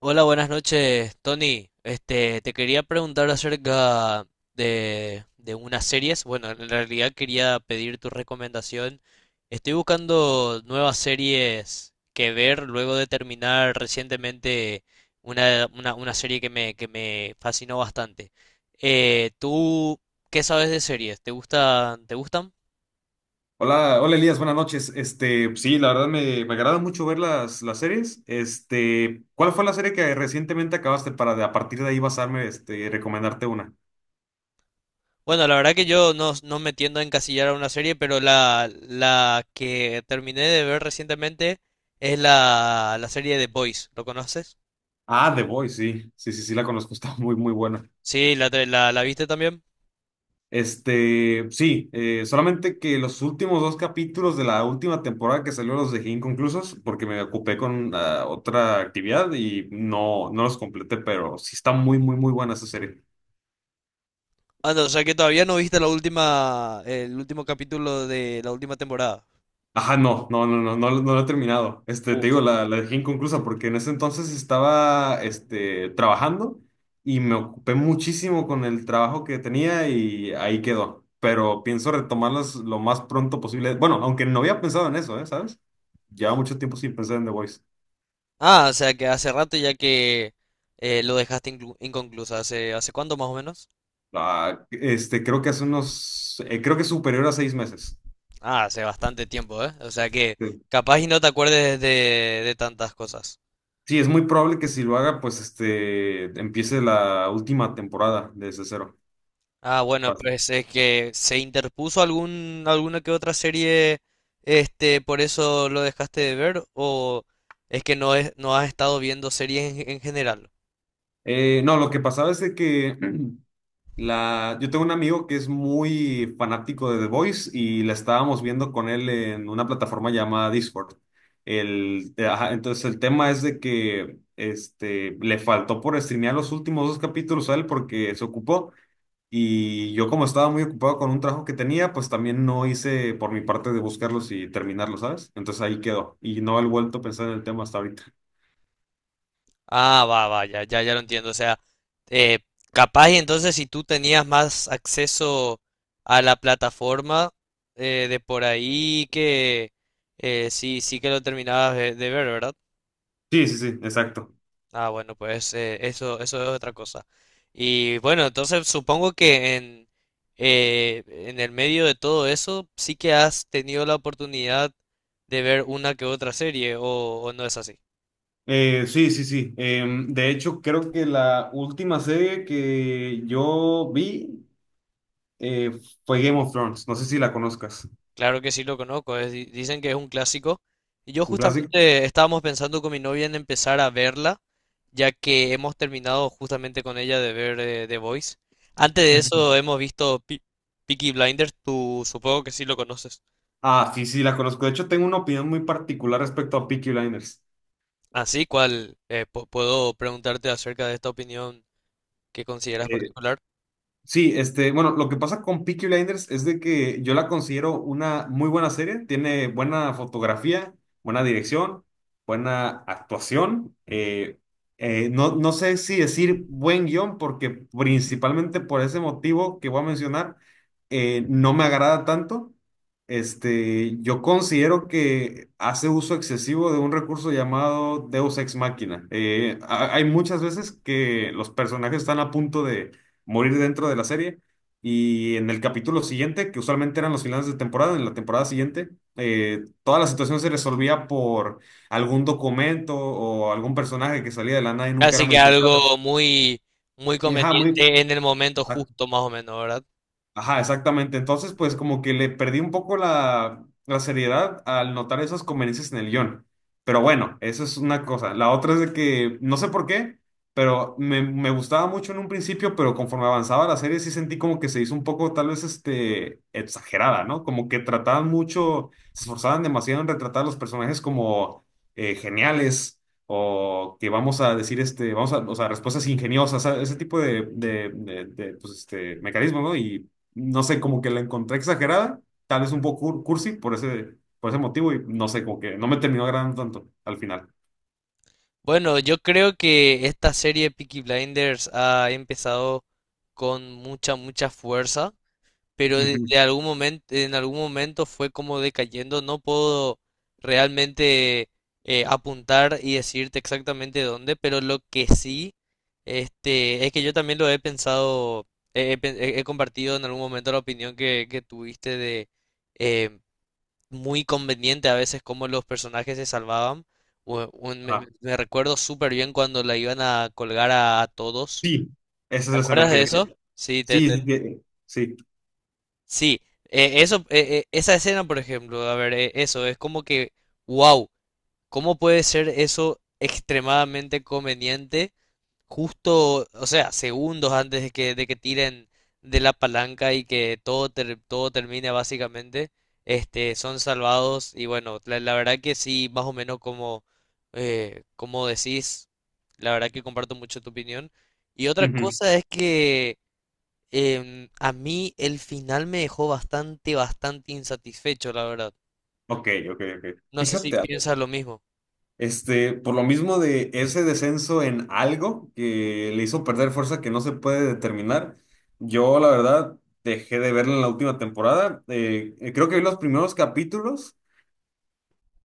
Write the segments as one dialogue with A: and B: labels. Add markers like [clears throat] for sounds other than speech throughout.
A: Hola, buenas noches, Tony. Te quería preguntar acerca de unas series. Bueno, en realidad quería pedir tu recomendación. Estoy buscando nuevas series que ver luego de terminar recientemente una serie que me fascinó bastante. ¿Tú qué sabes de series? ¿Te gusta, te gustan?
B: Hola, hola Elías, buenas noches. Pues sí, la verdad me agrada mucho ver las series. Este, ¿cuál fue la serie que recientemente acabaste para a partir de ahí basarme, y recomendarte una?
A: Bueno, la verdad que yo no me tiendo a encasillar a una serie, pero la que terminé de ver recientemente es la serie de Boys. ¿Lo conoces?
B: Ah, The Boys, sí, sí, sí, sí la conozco, [laughs] está muy, muy buena.
A: Sí, la viste también.
B: Este, sí, solamente que los últimos dos capítulos de la última temporada que salió los dejé inconclusos porque me ocupé con otra actividad y no, no los completé, pero sí está muy, muy buena esa serie.
A: Ah, no, o sea que todavía no viste la última, el último capítulo de la última temporada.
B: Ajá, no, no, no, no, no, no no lo he terminado. Este, te
A: Uf.
B: digo, la dejé inconclusa porque en ese entonces estaba, trabajando y me ocupé muchísimo con el trabajo que tenía y ahí quedó. Pero pienso retomarlas lo más pronto posible. Bueno, aunque no había pensado en eso, ¿eh? ¿Sabes? Lleva mucho tiempo sin pensar en The Voice.
A: Ah, o sea que hace rato ya que lo dejaste inconcluso. ¿Hace, hace cuánto más o menos?
B: Ah, creo que hace unos, creo que es superior a 6 meses.
A: Ah, hace bastante tiempo, ¿eh? O sea que
B: Sí,
A: capaz y no te acuerdes de tantas cosas.
B: sí, es muy probable que si lo haga, pues, empiece la última temporada de ese cero.
A: Ah, bueno, pues es que se interpuso alguna que otra serie, por eso lo dejaste de ver, o es que no has estado viendo series en general.
B: No, lo que pasaba es de que [clears throat] yo tengo un amigo que es muy fanático de The Voice y la estábamos viendo con él en una plataforma llamada Discord. Ajá, entonces el tema es de que le faltó por streamear los últimos dos capítulos a él porque se ocupó y yo como estaba muy ocupado con un trabajo que tenía, pues también no hice por mi parte de buscarlos y terminarlos, ¿sabes? Entonces ahí quedó y no he vuelto a pensar en el tema hasta ahorita.
A: Ah, va, va, ya, ya, ya lo entiendo. O sea, eh, capaz y entonces si tú tenías más acceso a la plataforma de por ahí que sí, sí que lo terminabas de ver, ¿verdad?
B: Sí, sí, sí, exacto.
A: Ah, bueno, pues eso, eso es otra cosa. Y bueno, entonces supongo que en el medio de todo eso sí que has tenido la oportunidad de ver una que otra serie, o no es así.
B: Sí, sí, sí. De hecho, creo que la última serie que yo vi eh, fue Game of Thrones. No sé si la conozcas.
A: Claro que sí lo conozco, es dicen que es un clásico. Y yo
B: ¿Un clásico?
A: justamente estábamos pensando con mi novia en empezar a verla, ya que hemos terminado justamente con ella de ver The Voice. Antes de eso
B: [laughs]
A: hemos visto Peaky Blinders, tú supongo que sí lo conoces.
B: Ah, sí, sí, la conozco. De hecho, tengo una opinión muy particular respecto a Peaky Blinders.
A: Así cual puedo preguntarte acerca de esta opinión que consideras
B: Eh,
A: particular.
B: Sí, bueno, lo que pasa con Peaky Blinders es de que yo la considero una muy buena serie, tiene buena fotografía, buena dirección, buena actuación. No, no sé si decir buen guión, porque principalmente por ese motivo que voy a mencionar, no me agrada tanto. Este, yo considero que hace uso excesivo de un recurso llamado Deus Ex Machina. Hay muchas veces que los personajes están a punto de morir dentro de la serie. Y en el capítulo siguiente, que usualmente eran los finales de temporada, en la temporada siguiente, toda la situación se resolvía por algún documento o algún personaje que salía de la nada y nunca era
A: Así que
B: mencionado.
A: algo muy, muy
B: Y, ajá, muy,
A: conveniente en el momento justo, más o menos, ¿verdad?
B: Ajá, exactamente. Entonces, pues como que le perdí un poco la seriedad al notar esas conveniencias en el guión. Pero bueno, eso es una cosa. La otra es de que, no sé por qué, pero me gustaba mucho en un principio, pero conforme avanzaba la serie sí sentí como que se hizo un poco tal vez exagerada, ¿no? Como que trataban mucho, se esforzaban demasiado en retratar a los personajes como geniales o que vamos a decir, vamos a, o sea, respuestas ingeniosas, ¿sabes? Ese tipo de, pues, mecanismos, ¿no? Y no sé, como que la encontré exagerada, tal vez un poco cursi por por ese motivo y no sé, como que no me terminó agradando tanto al final.
A: Bueno, yo creo que esta serie Peaky Blinders ha empezado con mucha, mucha fuerza, pero
B: Ujú.
A: de algún momento, en algún momento fue como decayendo. No puedo realmente apuntar y decirte exactamente dónde, pero lo que sí, es que yo también lo he pensado. He compartido en algún momento la opinión que tuviste de eh, muy conveniente a veces cómo los personajes se salvaban.
B: Ah,
A: Me recuerdo súper bien cuando la iban a colgar a todos.
B: sí, esa es
A: ¿Te
B: la escena
A: acuerdas
B: que
A: de
B: decía.
A: eso? Sí, te.
B: Sí, sí, sí. sí.
A: Sí, eso, esa escena, por ejemplo, a ver, eso, es como que, wow, ¿cómo puede ser eso extremadamente conveniente justo? O sea, segundos antes de de que tiren de la palanca y que todo termine básicamente, son salvados y bueno, la verdad que sí, más o menos como, como decís, la verdad que comparto mucho tu opinión. Y otra
B: Ujú.
A: cosa es que a mí el final me dejó bastante, bastante insatisfecho, la verdad.
B: Ok, ok, ok.
A: No sé si
B: Fíjate algo.
A: piensas lo mismo.
B: Este, por lo mismo de ese descenso en algo que le hizo perder fuerza que no se puede determinar, yo la verdad dejé de verla en la última temporada. Creo que vi los primeros capítulos.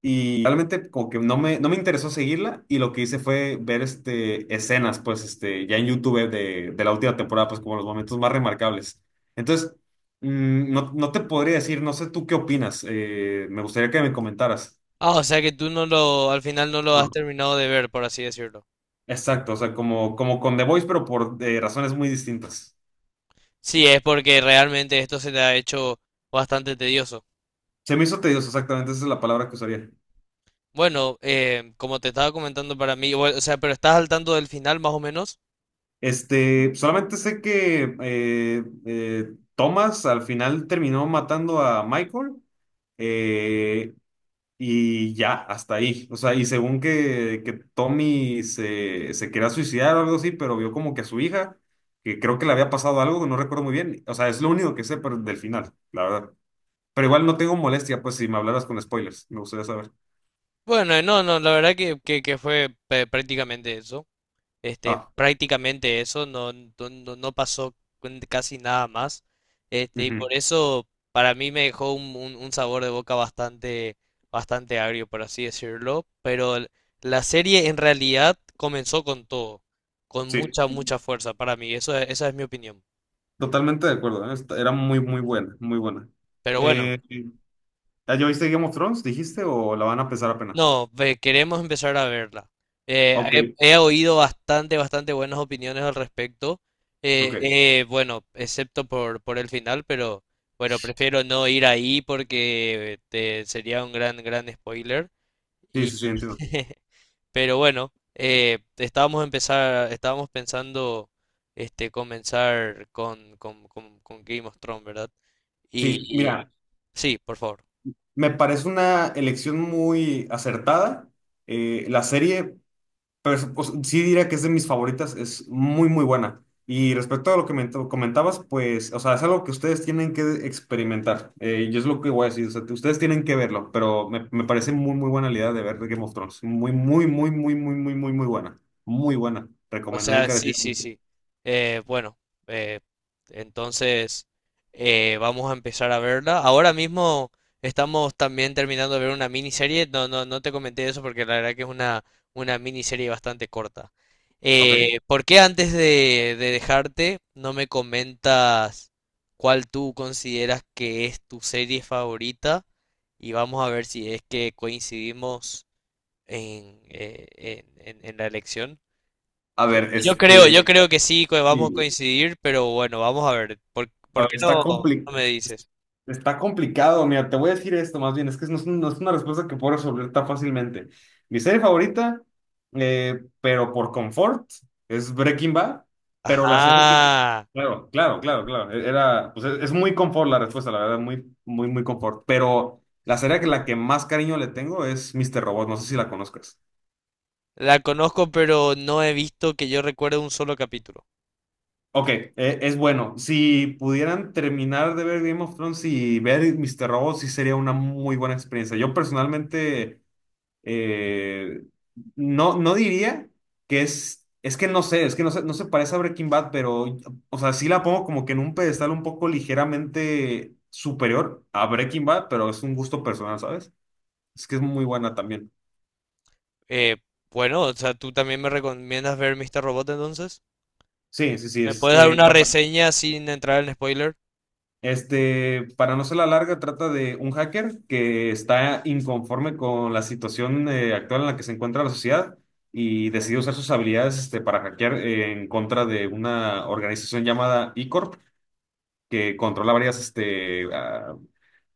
B: Y realmente como que no no me interesó seguirla y lo que hice fue ver escenas, pues, ya en YouTube de la última temporada, pues como los momentos más remarcables. Entonces, no, no te podría decir, no sé tú qué opinas, me gustaría que me comentaras.
A: Ah, o sea que tú no lo, al final no lo has
B: No.
A: terminado de ver, por así decirlo.
B: Exacto, o sea, como, como con The Voice, pero por razones muy distintas.
A: Sí, es porque realmente esto se te ha hecho bastante tedioso.
B: Se me hizo tedioso, exactamente, esa es la palabra que usaría.
A: Bueno, como te estaba comentando para mí, bueno, o sea, pero estás al tanto del final más o menos.
B: Este, solamente sé que Thomas al final terminó matando a Michael. Eh, Y ya, hasta ahí. O sea, y según que Tommy se quería suicidar o algo así, pero vio como que a su hija, que creo que le había pasado algo, que no recuerdo muy bien. O sea, es lo único que sé pero del final, la verdad. Pero igual no tengo molestia, pues si me hablaras con spoilers, me gustaría saber.
A: Bueno, no, no, la verdad que fue prácticamente eso.
B: Ah,
A: Prácticamente eso, no, no, no pasó con casi nada más. Y
B: ujú,
A: por eso para mí me dejó un sabor de boca bastante, bastante agrio, por así decirlo. Pero la serie en realidad comenzó con todo, con
B: sí,
A: mucha, mucha fuerza para mí. Eso, esa es mi opinión.
B: totalmente de acuerdo. ¿Eh? Esta- era muy, buena, muy buena.
A: Pero bueno.
B: Eh, ¿Ya viste Game of Thrones, dijiste, o la van a empezar apenas?
A: No, queremos empezar a verla. Eh,
B: Ok,
A: he oído bastante, bastante buenas opiniones al respecto.
B: ok.
A: Bueno, excepto por el final, pero bueno, prefiero no ir ahí porque sería un gran, gran spoiler.
B: Sí,
A: Y,
B: sí, sí, entiendo.
A: [laughs] pero bueno, estábamos pensando comenzar con Game of Thrones, ¿verdad? Y,
B: Sí,
A: y-
B: mira.
A: sí, por favor.
B: Me parece una elección muy acertada. Eh, la serie, pues, pues, sí diría que es de mis favoritas, es muy, muy buena. Y respecto a lo que me comentabas, pues, o sea, es algo que ustedes tienen que experimentar. Yo es lo que voy a decir, o sea, que ustedes tienen que verlo, pero me parece muy, muy buena la idea de ver Game of Thrones. Muy, muy, muy, muy, muy, muy, muy, muy buena. Muy buena.
A: O
B: Recomendada
A: sea, sí, sí,
B: encarecidamente.
A: sí. Bueno, eh, entonces vamos a empezar a verla. Ahora mismo estamos también terminando de ver una miniserie. No, no, no te comenté eso porque la verdad que es una miniserie bastante corta.
B: ¿Ok?
A: ¿Por qué antes de dejarte no me comentas cuál tú consideras que es tu serie favorita? Y vamos a ver si es que coincidimos en, eh, en la elección.
B: A ver, este...
A: Yo creo que sí, que vamos a
B: sí.
A: coincidir, pero bueno, vamos a ver.
B: A
A: Por qué
B: ver, está
A: no no me
B: complicado.
A: dices?
B: Está complicado, mira, te voy a decir esto más bien, es que no es, no es una respuesta que puedo resolver tan fácilmente. Mi serie favorita, pero por confort, es Breaking Bad, pero la serie que...
A: Ajá,
B: Claro, claro, claro, claro, era, pues es muy confort la respuesta, la verdad, muy, muy, muy confort, pero la que más cariño le tengo es Mr. Robot, no sé si la conozcas.
A: la conozco, pero no he visto que yo recuerde un solo capítulo.
B: Ok, es bueno, si pudieran terminar de ver Game of Thrones y ver Mr. Robot, sí sería una muy buena experiencia. Yo personalmente... Eh, no, no diría que es que no sé, es que no se parece a Breaking Bad, pero, o sea, sí la pongo como que en un pedestal un poco ligeramente superior a Breaking Bad, pero es un gusto personal, ¿sabes? Es que es muy buena también.
A: Eh, bueno, o sea, ¿tú también me recomiendas ver Mr. Robot entonces?
B: Sí, sí, sí,
A: ¿Me puedes dar una reseña sin entrar en spoiler?
B: este, para no ser la larga, trata de un hacker que está inconforme con la situación actual en la que se encuentra la sociedad y decidió usar sus habilidades para hackear en contra de una organización llamada E-Corp que controla varias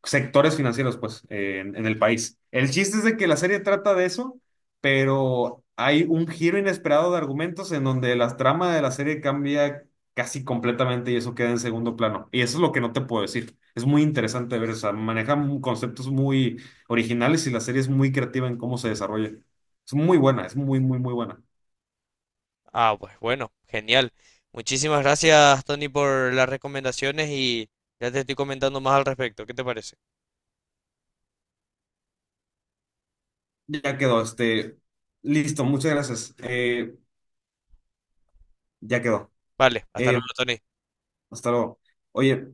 B: sectores financieros, pues, en el país. El chiste es de que la serie trata de eso, pero hay un giro inesperado de argumentos en donde la trama de la serie cambia casi completamente y eso queda en segundo plano. Y eso es lo que no te puedo decir. Es muy interesante ver, o sea, maneja conceptos muy originales y la serie es muy creativa en cómo se desarrolla. Es muy buena, es muy, muy, muy buena.
A: Ah, pues bueno, genial. Muchísimas gracias, Tony, por las recomendaciones y ya te estoy comentando más al respecto. ¿Qué te parece?
B: Ya quedó, listo, muchas gracias. Ya quedó.
A: Vale, hasta
B: Eh,
A: luego, Tony.
B: Hasta luego. Oye,